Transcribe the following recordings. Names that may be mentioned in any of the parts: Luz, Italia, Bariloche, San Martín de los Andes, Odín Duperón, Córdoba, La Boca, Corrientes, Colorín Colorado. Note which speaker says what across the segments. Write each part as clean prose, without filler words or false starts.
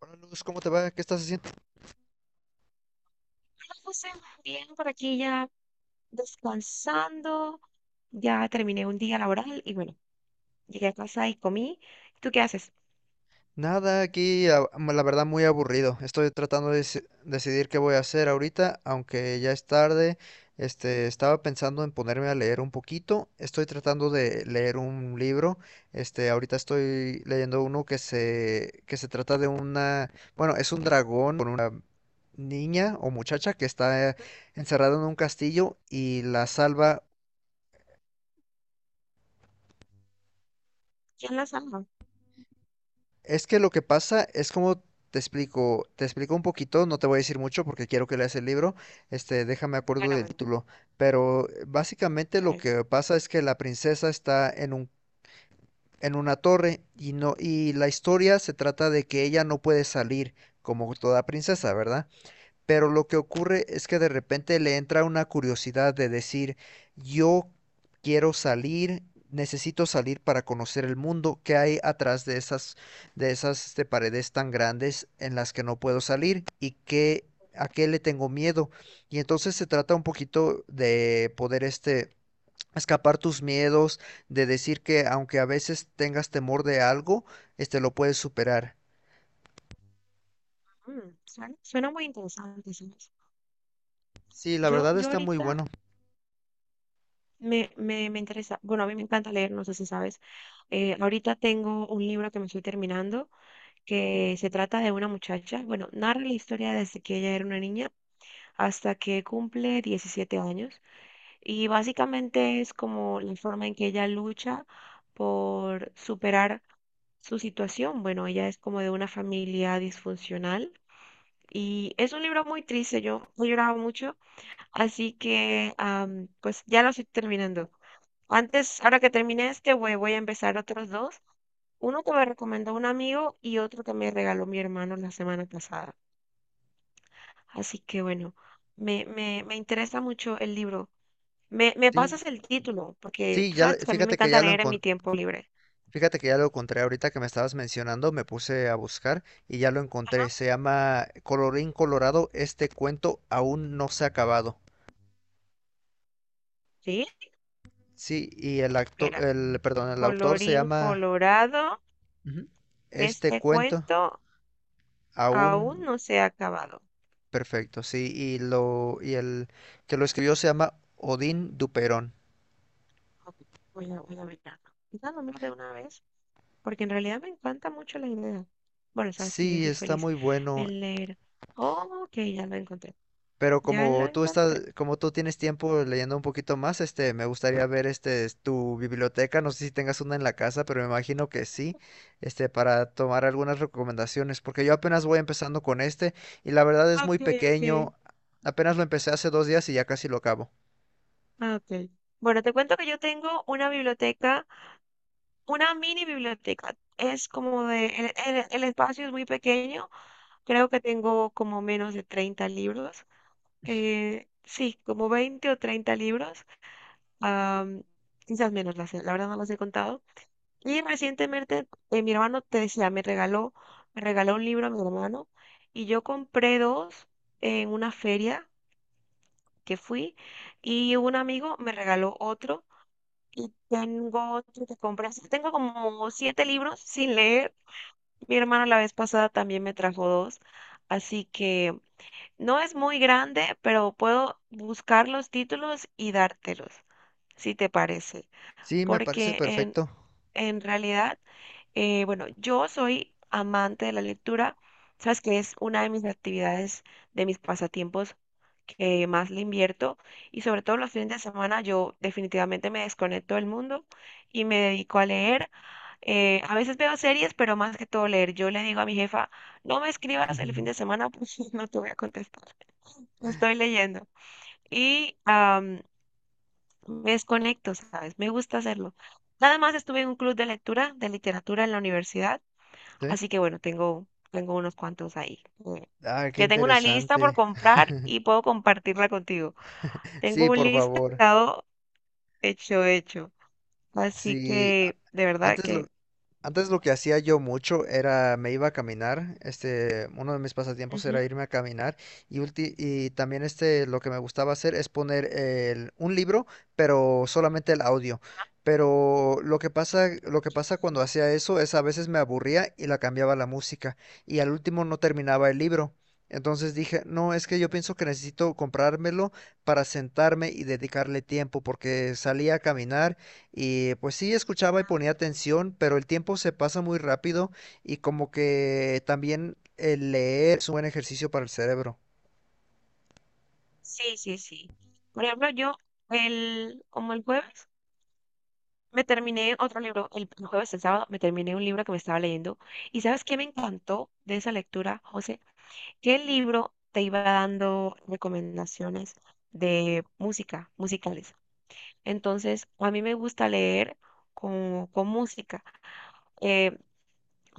Speaker 1: Hola Luz, ¿cómo te va? ¿Qué estás haciendo?
Speaker 2: José, bien, por aquí ya descansando, ya terminé un día laboral y bueno, llegué a casa y comí. ¿Tú qué haces?
Speaker 1: Nada, aquí la verdad muy aburrido. Estoy tratando de decidir qué voy a hacer ahorita, aunque ya es tarde. Estaba pensando en ponerme a leer un poquito. Estoy tratando de leer un libro. Ahorita estoy leyendo uno que se trata de una, bueno, es un dragón con una niña o muchacha que está
Speaker 2: ¿Mm?
Speaker 1: encerrada en un castillo y la salva.
Speaker 2: ¿Quién la salva?
Speaker 1: Es que lo que pasa es como te explico un poquito, no te voy a decir mucho porque quiero que leas el libro, este, déjame acuerdo
Speaker 2: Bueno,
Speaker 1: del
Speaker 2: bueno,
Speaker 1: título, pero básicamente lo
Speaker 2: ya-
Speaker 1: que pasa es que la princesa está en un, en una torre y no, y la historia se trata de que ella no puede salir como toda princesa, ¿verdad? Pero lo que ocurre es que de repente le entra una curiosidad de decir, yo quiero salir, necesito salir para conocer el mundo que hay atrás de esas paredes tan grandes en las que no puedo salir y que, a qué le tengo miedo. Y entonces se trata un poquito de poder escapar tus miedos, de decir que aunque a veces tengas temor de algo, este lo puedes superar.
Speaker 2: suena, suena muy interesante, ¿sabes?
Speaker 1: Sí, la
Speaker 2: Yo,
Speaker 1: verdad
Speaker 2: yo
Speaker 1: está muy
Speaker 2: ahorita
Speaker 1: bueno.
Speaker 2: me interesa, bueno, a mí me encanta leer, no sé si sabes. Ahorita tengo un libro que me estoy terminando que se trata de una muchacha, bueno, narra la historia desde que ella era una niña hasta que cumple 17 años. Y básicamente es como la forma en que ella lucha por superar su situación. Bueno, ella es como de una familia disfuncional y es un libro muy triste. Yo he llorado mucho, así que pues ya lo estoy terminando. Antes, ahora que termine este, voy a empezar otros dos. Uno que me recomendó un amigo y otro que me regaló mi hermano la semana pasada. Así que bueno, me interesa mucho el libro. Me
Speaker 1: Sí,
Speaker 2: pasas el título, porque
Speaker 1: sí,
Speaker 2: tú sabes que a mí me
Speaker 1: fíjate que
Speaker 2: encanta
Speaker 1: ya lo
Speaker 2: leer en mi
Speaker 1: encontré.
Speaker 2: tiempo libre.
Speaker 1: Fíjate que ya lo encontré ahorita que me estabas mencionando, me puse a buscar y ya lo
Speaker 2: Ajá.
Speaker 1: encontré. Se llama Colorín Colorado, este cuento aún no se ha acabado.
Speaker 2: Sí,
Speaker 1: Sí, y
Speaker 2: mira,
Speaker 1: perdón, el autor se
Speaker 2: colorín
Speaker 1: llama
Speaker 2: colorado,
Speaker 1: ujú. Este
Speaker 2: este
Speaker 1: cuento
Speaker 2: cuento
Speaker 1: aún
Speaker 2: aún no se ha acabado.
Speaker 1: perfecto. Sí, y el que lo escribió se llama Odín Duperón.
Speaker 2: Ok, voy a mirarlo. Quizá lo miro de una vez, porque en realidad me encanta mucho la idea. Bueno, sabes que yo
Speaker 1: Sí,
Speaker 2: soy
Speaker 1: está
Speaker 2: feliz
Speaker 1: muy bueno.
Speaker 2: en leer. Oh, ok, ya lo encontré.
Speaker 1: Pero
Speaker 2: Ya lo
Speaker 1: como tú
Speaker 2: encontré.
Speaker 1: estás, como tú tienes tiempo leyendo un poquito más, este, me gustaría ver este es tu biblioteca. No sé si tengas una en la casa, pero me imagino que sí, este, para tomar algunas recomendaciones, porque yo apenas voy empezando con este y la verdad es muy
Speaker 2: Ok, ok.
Speaker 1: pequeño. Apenas lo empecé hace dos días y ya casi lo acabo.
Speaker 2: Ah, ok. Bueno, te cuento que yo tengo una biblioteca. Una mini biblioteca. Es como el espacio es muy pequeño, creo que tengo como menos de 30 libros. Sí, como 20 o 30 libros, am, quizás menos, verdad no los he contado. Y recientemente mi hermano, te decía, me regaló un libro a mi hermano y yo compré dos en una feria que fui y un amigo me regaló otro. Y tengo otro que compré. Así que tengo como 7 libros sin leer. Mi hermano la vez pasada también me trajo dos, así que no es muy grande, pero puedo buscar los títulos y dártelos, si te parece,
Speaker 1: Sí, me parece
Speaker 2: porque
Speaker 1: perfecto.
Speaker 2: en realidad, bueno, yo soy amante de la lectura, sabes que es una de mis actividades, de mis pasatiempos que más le invierto y sobre todo los fines de semana yo definitivamente me desconecto del mundo y me dedico a leer a veces veo series, pero más que todo leer. Yo le digo a mi jefa, no me escribas el fin de semana porque no te voy a contestar. No estoy leyendo. Y me desconecto, ¿sabes? Me gusta hacerlo. Nada más estuve en un club de lectura, de literatura en la universidad,
Speaker 1: ¿Sí?
Speaker 2: así que bueno, tengo unos cuantos ahí.
Speaker 1: Ah, qué
Speaker 2: Que tengo una lista por
Speaker 1: interesante.
Speaker 2: comprar y puedo compartirla contigo. Tengo
Speaker 1: Sí,
Speaker 2: un
Speaker 1: por favor.
Speaker 2: listado hecho. Así
Speaker 1: Sí,
Speaker 2: que, de verdad
Speaker 1: antes lo,
Speaker 2: que...
Speaker 1: Antes lo que hacía yo mucho era me iba a caminar, este, uno de mis pasatiempos era irme a caminar y, y también este lo que me gustaba hacer es poner un libro, pero solamente el audio. Pero lo que pasa cuando
Speaker 2: ujú.
Speaker 1: hacía eso es a veces me aburría y la cambiaba la música y al último no terminaba el libro. Entonces dije, no, es que yo pienso que necesito comprármelo para sentarme y dedicarle tiempo porque salía a caminar y pues sí, escuchaba y ponía atención, pero el tiempo se pasa muy rápido y como que también el leer es un buen ejercicio para el cerebro.
Speaker 2: Sí, sí, sí. Por ejemplo, como el jueves me terminé otro libro, el jueves, el sábado, me terminé un libro que me estaba leyendo. ¿Y sabes qué me encantó de esa lectura, José? Que el libro te iba dando recomendaciones de música, musicales. Entonces, a mí me gusta leer con música. Eh,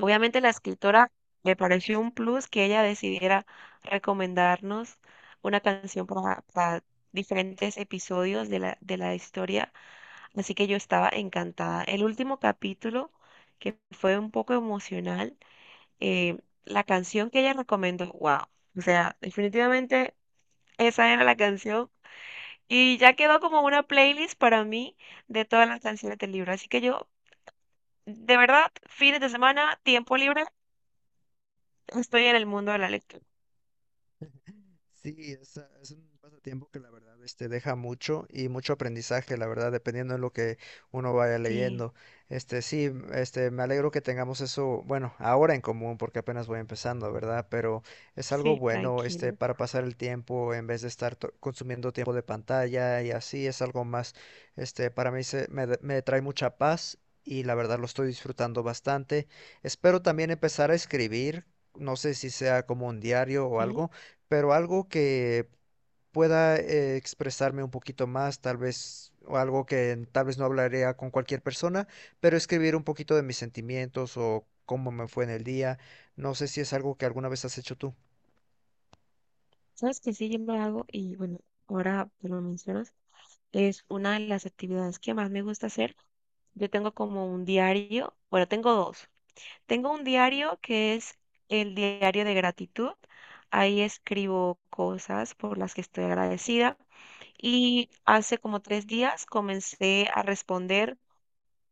Speaker 2: Obviamente la escritora me pareció un plus que ella decidiera recomendarnos una canción para diferentes episodios de de la historia, así que yo estaba encantada. El último capítulo, que fue un poco emocional, eh, la canción que ella recomendó, wow, o sea, definitivamente esa era la canción y ya quedó como una playlist para mí de todas las canciones del libro, así que yo, de verdad, fines de semana, tiempo libre, estoy en el mundo de la lectura.
Speaker 1: Sí, es, ah, es un pasatiempo que la verdad este, deja mucho y mucho aprendizaje, la verdad, dependiendo de lo que uno vaya
Speaker 2: Sí,
Speaker 1: leyendo. Este, sí, este, me alegro que tengamos eso, bueno, ahora en común, porque apenas voy empezando, ¿verdad? Pero es algo
Speaker 2: sí,
Speaker 1: bueno, este,
Speaker 2: tranquilo.
Speaker 1: para pasar el tiempo en vez de estar consumiendo tiempo de pantalla y así, es algo más, este, para mí me trae mucha paz y la verdad lo estoy disfrutando bastante. Espero también empezar a escribir, no sé si sea como un diario o
Speaker 2: Sí,
Speaker 1: algo, pero algo que pueda expresarme un poquito más, tal vez, o algo que tal vez no hablaría con cualquier persona, pero escribir un poquito de mis sentimientos o cómo me fue en el día. No sé si es algo que alguna vez has hecho tú.
Speaker 2: sabes que sí, yo lo hago y bueno, ahora que lo mencionas, es una de las actividades que más me gusta hacer. Yo tengo como un diario, bueno, tengo dos. Tengo un diario que es el diario de gratitud. Ahí escribo cosas por las que estoy agradecida. Y hace como 3 días comencé a responder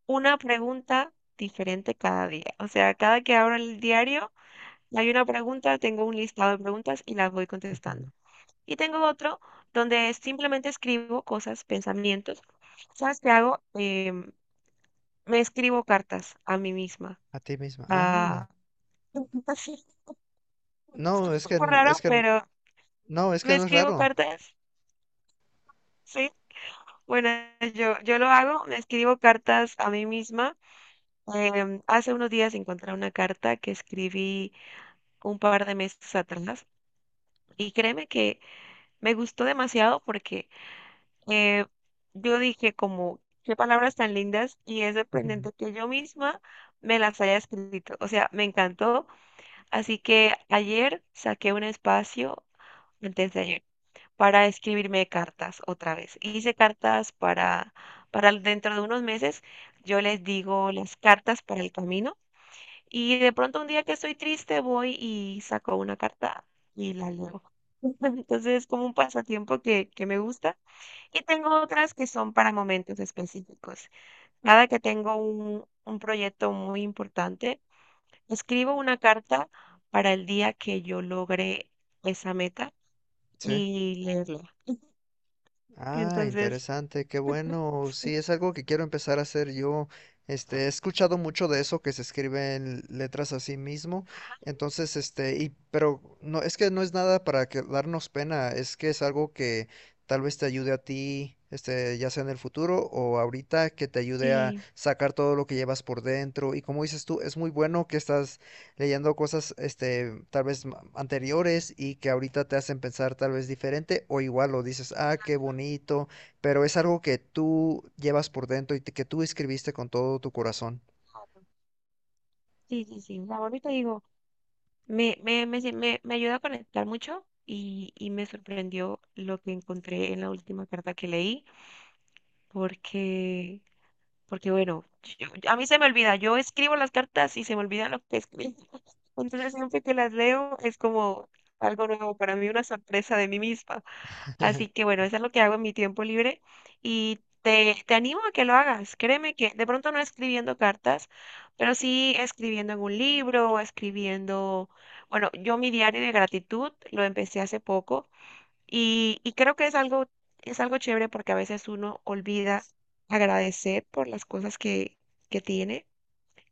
Speaker 2: una pregunta diferente cada día. O sea, cada que abro el diario hay una pregunta, tengo un listado de preguntas y las voy contestando.
Speaker 1: Ujú.
Speaker 2: Y tengo otro donde simplemente escribo cosas, pensamientos. ¿Sabes qué hago? Me escribo cartas a mí misma.
Speaker 1: A ti misma. Ah,
Speaker 2: Ah, sí, es
Speaker 1: no,
Speaker 2: un
Speaker 1: es que,
Speaker 2: poco
Speaker 1: es
Speaker 2: raro,
Speaker 1: que,
Speaker 2: pero
Speaker 1: no, es que
Speaker 2: me
Speaker 1: no es
Speaker 2: escribo
Speaker 1: raro.
Speaker 2: cartas, sí. Bueno, yo lo hago, me escribo cartas a mí misma. Hace unos días encontré una carta que escribí un par de meses atrás y créeme que me gustó demasiado porque eh, yo dije como, qué palabras tan lindas y es
Speaker 1: Ujú.
Speaker 2: sorprendente que yo misma me las haya escrito. O sea, me encantó. Así que ayer saqué un espacio, antes de ayer, para escribirme cartas otra vez. Hice cartas para dentro de unos meses. Yo les digo las cartas para el camino y de pronto un día que estoy triste voy y saco una carta y la leo. Entonces es como un pasatiempo que me gusta y tengo otras que son para momentos específicos. Cada que tengo un proyecto muy importante, escribo una carta para el día que yo logre esa meta
Speaker 1: Sí.
Speaker 2: y leerla.
Speaker 1: Ah,
Speaker 2: Entonces,
Speaker 1: interesante, qué bueno. Sí, es algo que quiero empezar a hacer yo. Este, he escuchado mucho de eso que se escribe en letras a sí mismo. Entonces, este, y pero no es que no es nada para que darnos pena, es que es algo que tal vez te ayude a ti, este, ya sea en el futuro o ahorita que te ayude a
Speaker 2: sí,
Speaker 1: sacar todo lo que llevas por dentro. Y como dices tú, es muy bueno que estás leyendo cosas, este, tal vez anteriores y que ahorita te hacen pensar tal vez diferente o igual lo dices, ah, qué bonito, pero es algo que tú llevas por dentro y que tú escribiste con todo tu corazón.
Speaker 2: sí, sí, sí. La ahorita digo, me ayuda a conectar mucho y me sorprendió lo que encontré en la última carta que leí, porque porque bueno, a mí se me olvida, yo escribo las cartas y se me olvida lo que escribo. Entonces siempre que las leo es como algo nuevo para mí, una sorpresa de mí misma. Así que bueno, eso es lo que hago en mi tiempo libre te animo a que lo hagas. Créeme que de pronto no escribiendo cartas, pero sí escribiendo en un libro escribiendo, bueno, yo mi diario de gratitud lo empecé hace poco y creo que es algo chévere porque a veces uno olvida agradecer por las cosas que tiene.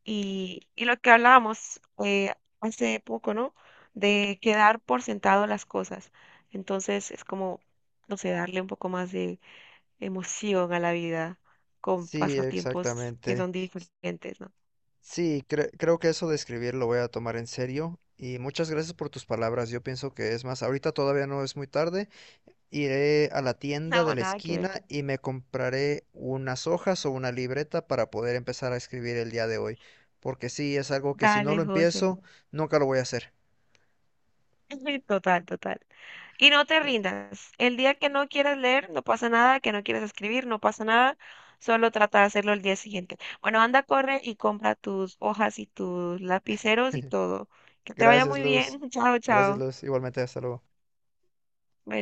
Speaker 2: Y lo que hablábamos hace poco, ¿no? De quedar por sentado las cosas. Entonces es como, no sé, darle un poco más de emoción a la vida con
Speaker 1: Sí,
Speaker 2: pasatiempos que
Speaker 1: exactamente.
Speaker 2: son diferentes, ¿no?
Speaker 1: Sí, creo que eso de escribir lo voy a tomar en serio. Y muchas gracias por tus palabras. Yo pienso que es más, ahorita todavía no es muy tarde. Iré a la tienda
Speaker 2: No,
Speaker 1: de la
Speaker 2: nada que ver.
Speaker 1: esquina y me compraré unas hojas o una libreta para poder empezar a escribir el día de hoy, porque sí, es algo que si no
Speaker 2: Dale,
Speaker 1: lo
Speaker 2: José.
Speaker 1: empiezo, nunca lo voy a hacer.
Speaker 2: Total, total. Y no te rindas. El día que no quieras leer, no pasa nada, que no quieras escribir, no pasa nada. Solo trata de hacerlo el día siguiente. Bueno, anda, corre y compra tus hojas y tus lapiceros y todo. Que te vaya
Speaker 1: Gracias,
Speaker 2: muy
Speaker 1: Luz.
Speaker 2: bien. Chao,
Speaker 1: Gracias,
Speaker 2: chao.
Speaker 1: Luz. Igualmente, hasta luego.
Speaker 2: Bye.